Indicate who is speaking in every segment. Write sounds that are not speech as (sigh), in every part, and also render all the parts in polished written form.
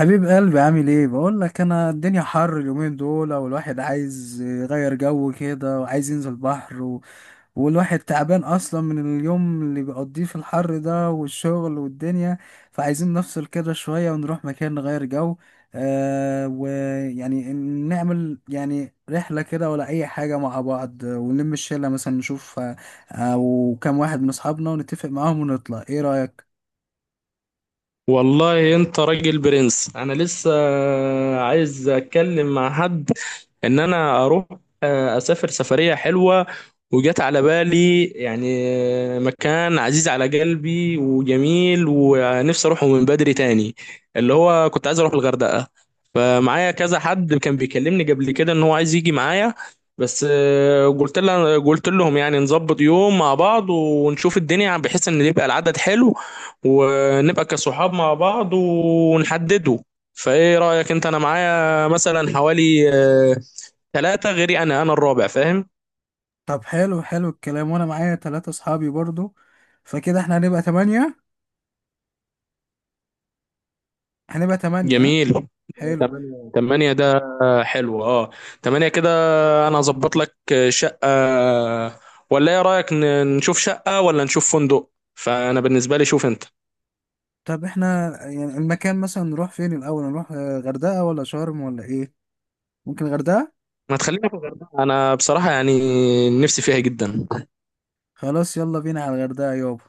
Speaker 1: حبيب قلبي، عامل ايه؟ بقول لك، انا الدنيا حر اليومين دول، والواحد عايز يغير جو كده وعايز ينزل بحر والواحد تعبان اصلا من اليوم اللي بيقضيه في الحر ده والشغل والدنيا. فعايزين نفصل كده شوية ونروح مكان نغير جو. ويعني نعمل يعني رحلة كده ولا اي حاجة مع بعض، ونلم الشلة مثلا نشوف، او كام واحد من اصحابنا ونتفق معاهم ونطلع. ايه رأيك؟
Speaker 2: والله انت راجل برنس انا لسه عايز اتكلم مع حد ان انا اروح، اسافر سفرية حلوة. وجت على بالي يعني مكان عزيز على قلبي وجميل ونفسي اروحه من بدري تاني، اللي هو كنت عايز اروح الغردقة. فمعايا كذا حد كان بيكلمني قبل كده ان هو عايز يجي معايا، بس قلت لهم يعني نظبط يوم مع بعض ونشوف الدنيا، بحيث ان يبقى العدد حلو ونبقى كصحاب مع بعض ونحدده. فايه رأيك انت؟ انا معايا مثلا حوالي ثلاثة غيري، انا الرابع، فاهم؟
Speaker 1: طب حلو حلو الكلام، وانا معايا ثلاثة اصحابي برضو، فكده احنا هنبقى تمانية. هنبقى تمانية، ها؟
Speaker 2: جميل.
Speaker 1: حلو.
Speaker 2: تمانية تمانية ده، حلو اه. تمانية كده. انا هظبط لك شقة، ولا ايه رأيك نشوف شقة ولا نشوف فندق؟ فانا بالنسبة لي شوف انت.
Speaker 1: طب احنا يعني المكان مثلا نروح فين الاول؟ نروح غردقة ولا شرم ولا ايه؟ ممكن غردقة.
Speaker 2: ما تخلينا في الغردقة، انا بصراحة يعني نفسي فيها جدا.
Speaker 1: خلاص، يلا بينا على الغردقة يابا.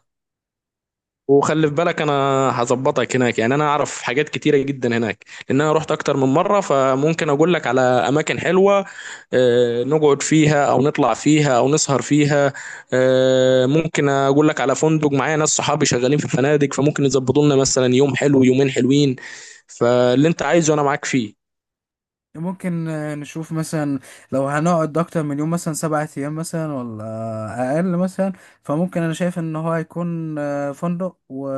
Speaker 2: وخلي في بالك انا هظبطك هناك، يعني انا اعرف حاجات كتيره جدا هناك لان انا رحت اكتر من مره، فممكن اقول لك على اماكن حلوه نقعد فيها او نطلع فيها او نسهر فيها. ممكن اقول لك على فندق، معايا ناس صحابي شغالين في فنادق فممكن يظبطوا لنا مثلا يوم حلو، يومين حلوين. فاللي انت عايزه انا معاك فيه.
Speaker 1: ممكن نشوف مثلا لو هنقعد اكتر من يوم، مثلا 7 ايام مثلا ولا اقل مثلا. فممكن انا شايف ان هو هيكون فندق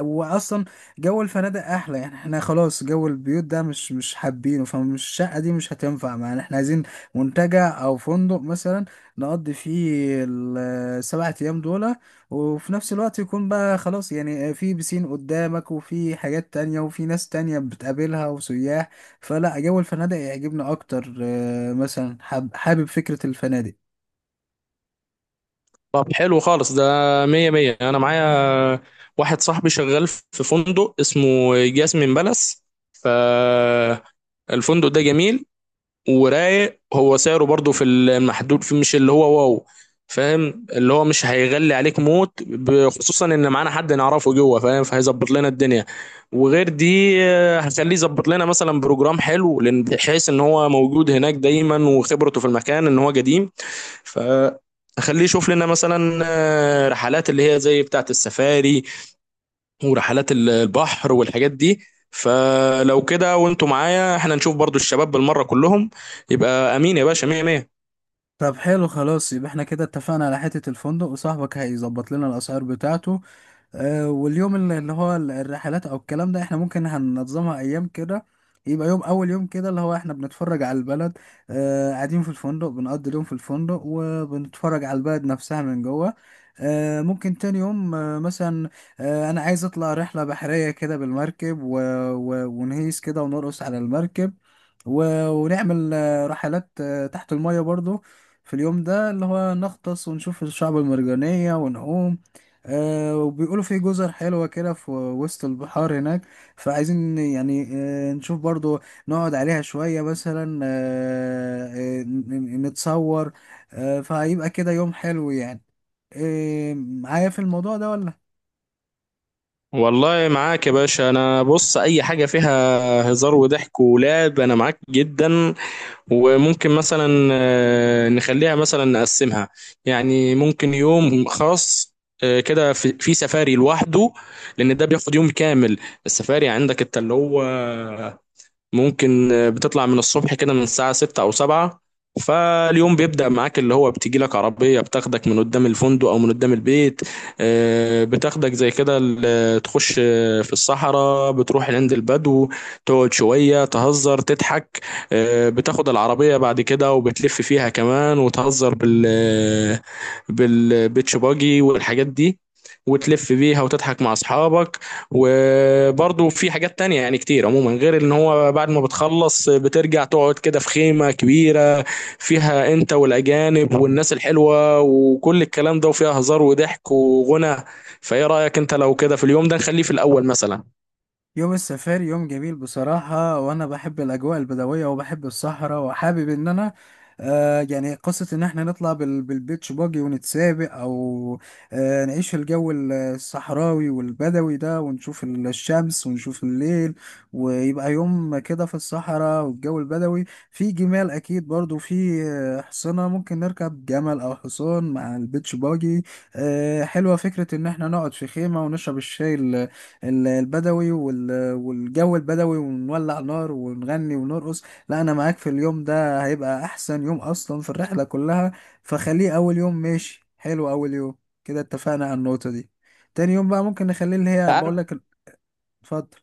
Speaker 1: واصلا جو الفنادق احلى. يعني احنا خلاص جو البيوت ده مش حابينه، فمش الشقة دي مش هتنفع معانا. احنا عايزين منتجع او فندق مثلا نقضي فيه السبعة ايام دول، وفي نفس الوقت يكون بقى خلاص يعني في بسين قدامك وفي حاجات تانية وفي ناس تانية بتقابلها وسياح. فلا، جو الفنادق يعجبني اكتر، مثلا حابب فكرة الفنادق.
Speaker 2: طب حلو خالص ده، مية مية. انا معايا واحد صاحبي شغال في فندق اسمه جاسمين بالاس. ف الفندق ده جميل ورايق، هو سعره برضو في المحدود، في مش اللي هو واو، فاهم؟ اللي هو مش هيغلي عليك موت، خصوصا ان معانا حد نعرفه جوه، فاهم؟ فهيظبط لنا الدنيا. وغير دي هنخليه يظبط لنا مثلا بروجرام حلو، بحيث ان هو موجود هناك دايما وخبرته في المكان ان هو قديم. فخليه يشوف لنا مثلا رحلات اللي هي زي بتاعة السفاري، ورحلات البحر والحاجات دي. فلو كده وانتوا معايا احنا نشوف برضو الشباب بالمرة كلهم، يبقى امين يا باشا، مية مية.
Speaker 1: طب حلو خلاص، يبقى احنا كده اتفقنا على حتة الفندق وصاحبك هيظبط لنا الاسعار بتاعته. واليوم اللي هو الرحلات او الكلام ده احنا ممكن هننظمها ايام كده. يبقى يوم، اول يوم كده اللي هو احنا بنتفرج على البلد، قاعدين في الفندق بنقضي اليوم في الفندق وبنتفرج على البلد نفسها من جوه. ممكن تاني يوم مثلا، انا عايز اطلع رحلة بحرية كده بالمركب، ونهيس كده ونرقص على المركب، ونعمل رحلات تحت المية برضو في اليوم ده اللي هو نغطس ونشوف الشعب المرجانية ونعوم. وبيقولوا في جزر حلوة كده في وسط البحار هناك. فعايزين يعني نشوف برضو، نقعد عليها شوية مثلا، نتصور. فهيبقى كده يوم حلو. يعني معايا في الموضوع ده ولا؟
Speaker 2: والله معاك يا باشا. انا بص، اي حاجة فيها هزار وضحك ولعب انا معاك جدا. وممكن مثلا نخليها مثلا نقسمها، يعني ممكن يوم خاص كده في سفاري لوحده، لان ده بياخد يوم كامل. السفاري عندك انت اللي هو ممكن بتطلع من الصبح كده من الساعة 6 أو 7، فاليوم بيبدأ معاك، اللي هو بتجي لك عربية بتاخدك من قدام الفندق أو من قدام البيت. بتاخدك زي كده، تخش في الصحراء، بتروح عند البدو، تقعد شوية، تهزر، تضحك. بتاخد العربية بعد كده وبتلف فيها كمان، وتهزر بال بالبيتش باجي والحاجات دي، وتلف بيها وتضحك مع أصحابك. وبرضه في حاجات تانية يعني كتير عموما، غير ان هو بعد ما بتخلص بترجع تقعد كده في خيمة كبيرة، فيها انت والاجانب والناس الحلوة وكل الكلام ده، وفيها هزار وضحك وغنى. فايه رأيك انت لو كده في اليوم ده نخليه في الاول مثلا؟
Speaker 1: يوم السفاري يوم جميل بصراحة، وأنا بحب الأجواء البدوية وبحب الصحراء وحابب إن أنا يعني قصة إن إحنا نطلع بالبيتش باجي ونتسابق، أو نعيش الجو الصحراوي والبدوي ده، ونشوف الشمس ونشوف الليل، ويبقى يوم كده في الصحراء والجو البدوي. في جمال أكيد، برضو في حصنة، ممكن نركب جمل أو حصان مع البيتش باجي. حلوة فكرة إن إحنا نقعد في خيمة ونشرب الشاي البدوي والجو البدوي، ونولع نار ونغني ونرقص. لا، انا معاك. في اليوم ده هيبقى احسن يوم اصلا في الرحلة كلها، فخليه اول يوم. ماشي، حلو اول يوم. كده اتفقنا على النقطة دي. تاني يوم بقى ممكن نخليه اللي هي
Speaker 2: عارف،
Speaker 1: بقول لك. اتفضل.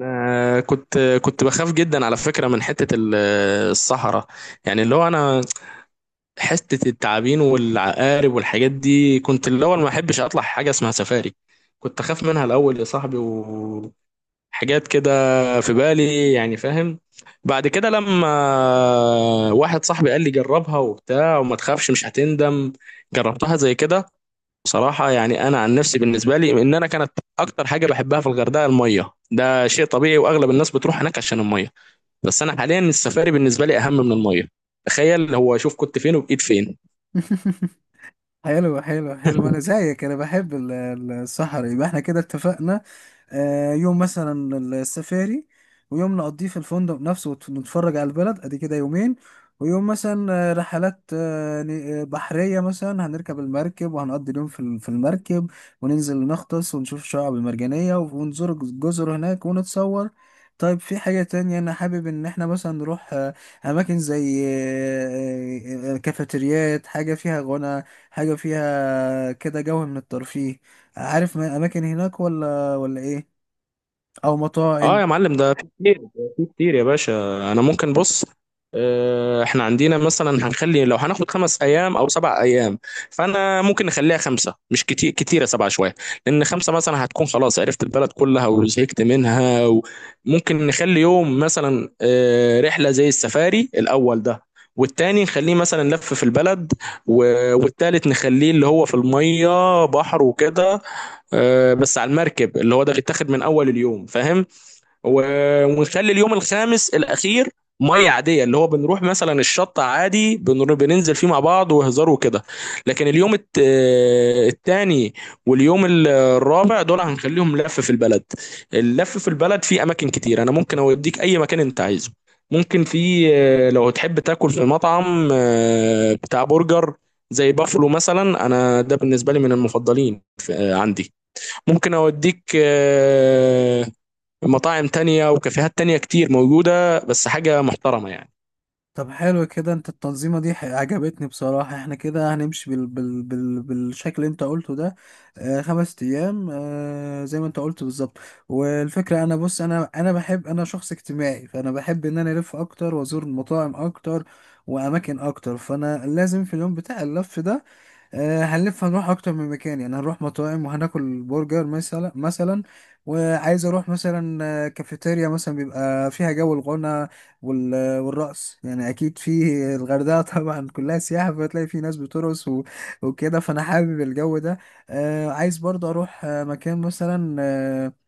Speaker 2: آه كنت بخاف جدا على فكرة من حتة الصحراء، يعني اللي هو انا حتة التعابين والعقارب والحاجات دي، كنت الاول ما احبش اطلع حاجة اسمها سفاري، كنت اخاف منها الاول يا صاحبي. حاجات كده في بالي، يعني فاهم؟ بعد كده لما واحد صاحبي قال لي جربها وبتاع وما تخافش مش هتندم، جربتها زي كده. بصراحة يعني أنا عن نفسي بالنسبة لي إن أنا كانت أكتر حاجة بحبها في الغردقة المية، ده شيء طبيعي وأغلب الناس بتروح هناك عشان المية، بس أنا حاليا السفاري بالنسبة لي أهم من المية. تخيل هو، شوف كنت فين وبقيت فين.
Speaker 1: (laughs) حلو حلو حلو، انا
Speaker 2: (laughs)
Speaker 1: زيك. انا بحب السحر. يبقى احنا كده اتفقنا، يوم مثلا السفاري، ويوم نقضيه في الفندق نفسه ونتفرج على البلد. ادي كده يومين. ويوم مثلا رحلات بحرية مثلا، هنركب المركب وهنقضي اليوم في في المركب، وننزل نغطس ونشوف الشعاب المرجانية ونزور الجزر هناك ونتصور. طيب، في حاجة تانية أنا حابب إن إحنا مثلا نروح أماكن زي كافيتريات، حاجة فيها غنى، حاجة فيها كده جو من الترفيه. عارف أماكن هناك ولا إيه؟ أو
Speaker 2: اه
Speaker 1: مطاعم؟
Speaker 2: يا معلم، ده في كتير، في كتير يا باشا. انا ممكن بص، احنا عندنا مثلا هنخلي لو هناخد 5 ايام او 7 ايام، فانا ممكن نخليها خمسه، مش كتير كتيره سبعه شويه، لان خمسه مثلا هتكون خلاص عرفت البلد كلها وزهقت منها. وممكن نخلي يوم مثلا رحله زي السفاري الاول ده، والتاني نخليه مثلا لف في البلد، والتالت نخليه اللي هو في الميه بحر وكده، بس على المركب، اللي هو ده بيتاخد من اول اليوم، فاهم؟ ونخلي اليوم الخامس الاخير ميه عاديه، اللي هو بنروح مثلا الشط عادي، بننزل فيه مع بعض وهزار وكده. لكن اليوم التاني واليوم الرابع دول هنخليهم لف في البلد. اللف في البلد فيه اماكن كتير، انا ممكن اوديك اي مكان انت عايزه. ممكن في لو تحب تاكل في مطعم بتاع برجر زي بافلو مثلا، انا ده بالنسبه لي من المفضلين عندي. ممكن اوديك مطاعم تانية وكافيهات تانية كتير موجودة، بس حاجة محترمة يعني.
Speaker 1: طب حلو كده، أنت التنظيمة دي عجبتني بصراحة. إحنا كده هنمشي بالشكل اللي أنت قلته ده. 5 أيام زي ما أنت قلت بالظبط. والفكرة أنا بص، أنا بحب، أنا شخص اجتماعي، فأنا بحب إن أنا ألف أكتر وأزور مطاعم أكتر وأماكن أكتر. فأنا لازم في اليوم بتاع اللف ده هنلف، هنروح اكتر من مكان. يعني هنروح مطاعم وهناكل برجر مثلا وعايز اروح مثلا كافيتيريا مثلا بيبقى فيها جو الغنى والرقص، يعني اكيد في الغردقه (laughs) طبعا كلها سياحه، فتلاقي في ناس بترقص وكده، فانا حابب الجو ده. عايز برضه اروح مكان مثلا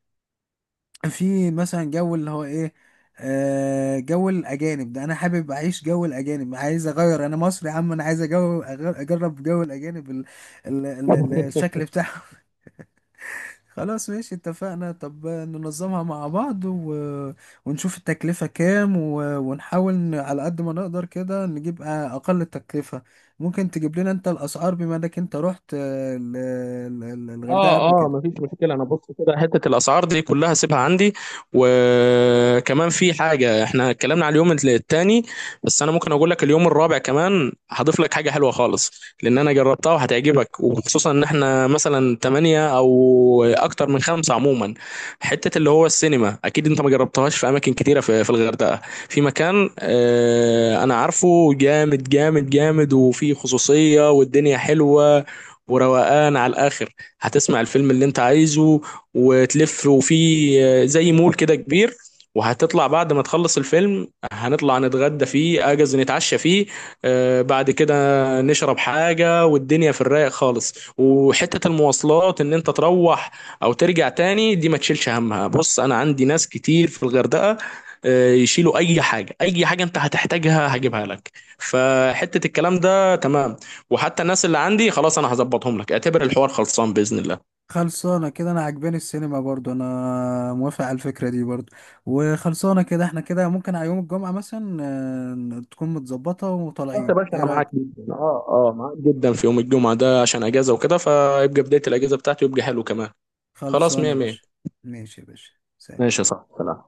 Speaker 1: في مثلا جو اللي هو ايه، جو الاجانب ده. انا حابب اعيش جو الاجانب، عايز اغير، انا مصري يا عم، انا عايز اجرب جو الاجانب ال ال ال ال الشكل بتاعهم. (laughs) خلاص ماشي اتفقنا. طب ننظمها مع بعض ونشوف التكلفة كام، ونحاول على قد ما نقدر كده نجيب اقل التكلفة. ممكن تجيب لنا انت الاسعار بما انك انت رحت الغردقة
Speaker 2: اه
Speaker 1: قبل
Speaker 2: اه
Speaker 1: كده؟
Speaker 2: مفيش مشكله. انا بص كده حته الاسعار دي كلها سيبها عندي. وكمان في حاجه، احنا اتكلمنا على اليوم التاني بس انا ممكن اقول لك اليوم الرابع كمان، هضيف لك حاجه حلوه خالص لان انا جربتها وهتعجبك، وخصوصا ان احنا مثلا تمانية او اكتر من خمسة عموما. حته اللي هو السينما، اكيد انت ما جربتهاش في اماكن كتيره في الغردقه. في مكان آه انا عارفه جامد جامد جامد، وفيه خصوصيه والدنيا حلوه وروقان على الاخر. هتسمع الفيلم اللي انت عايزه وتلف، وفي زي مول كده كبير، وهتطلع بعد ما تخلص الفيلم هنطلع نتغدى فيه اجز نتعشى فيه بعد كده نشرب حاجة والدنيا في الرايق خالص. وحتة المواصلات ان انت تروح او ترجع تاني دي ما تشيلش همها، بص انا عندي ناس كتير في الغردقة يشيلوا اي حاجة، اي حاجة انت هتحتاجها هجيبها لك، فحتة الكلام ده تمام. وحتى الناس اللي عندي خلاص انا هظبطهم لك، اعتبر الحوار خلصان باذن الله.
Speaker 1: خلصانة كده، أنا عجباني السينما برضو، أنا موافق على الفكرة دي برضو. وخلصانة كده، احنا كده ممكن على يوم الجمعة مثلا تكون متظبطة
Speaker 2: خلاص يا
Speaker 1: وطالعين.
Speaker 2: باشا
Speaker 1: ايه
Speaker 2: انا معاك
Speaker 1: رأيك؟
Speaker 2: جدا، اه اه معاك جدا في يوم الجمعه ده عشان اجازه وكده، فيبقى بدايه الاجازه بتاعتي ويبقى حلو كمان. خلاص
Speaker 1: خلصانة
Speaker 2: مية
Speaker 1: يا
Speaker 2: مية.
Speaker 1: باشا. ماشي يا باشا. سلام.
Speaker 2: ماشي يا صاحبي سلام.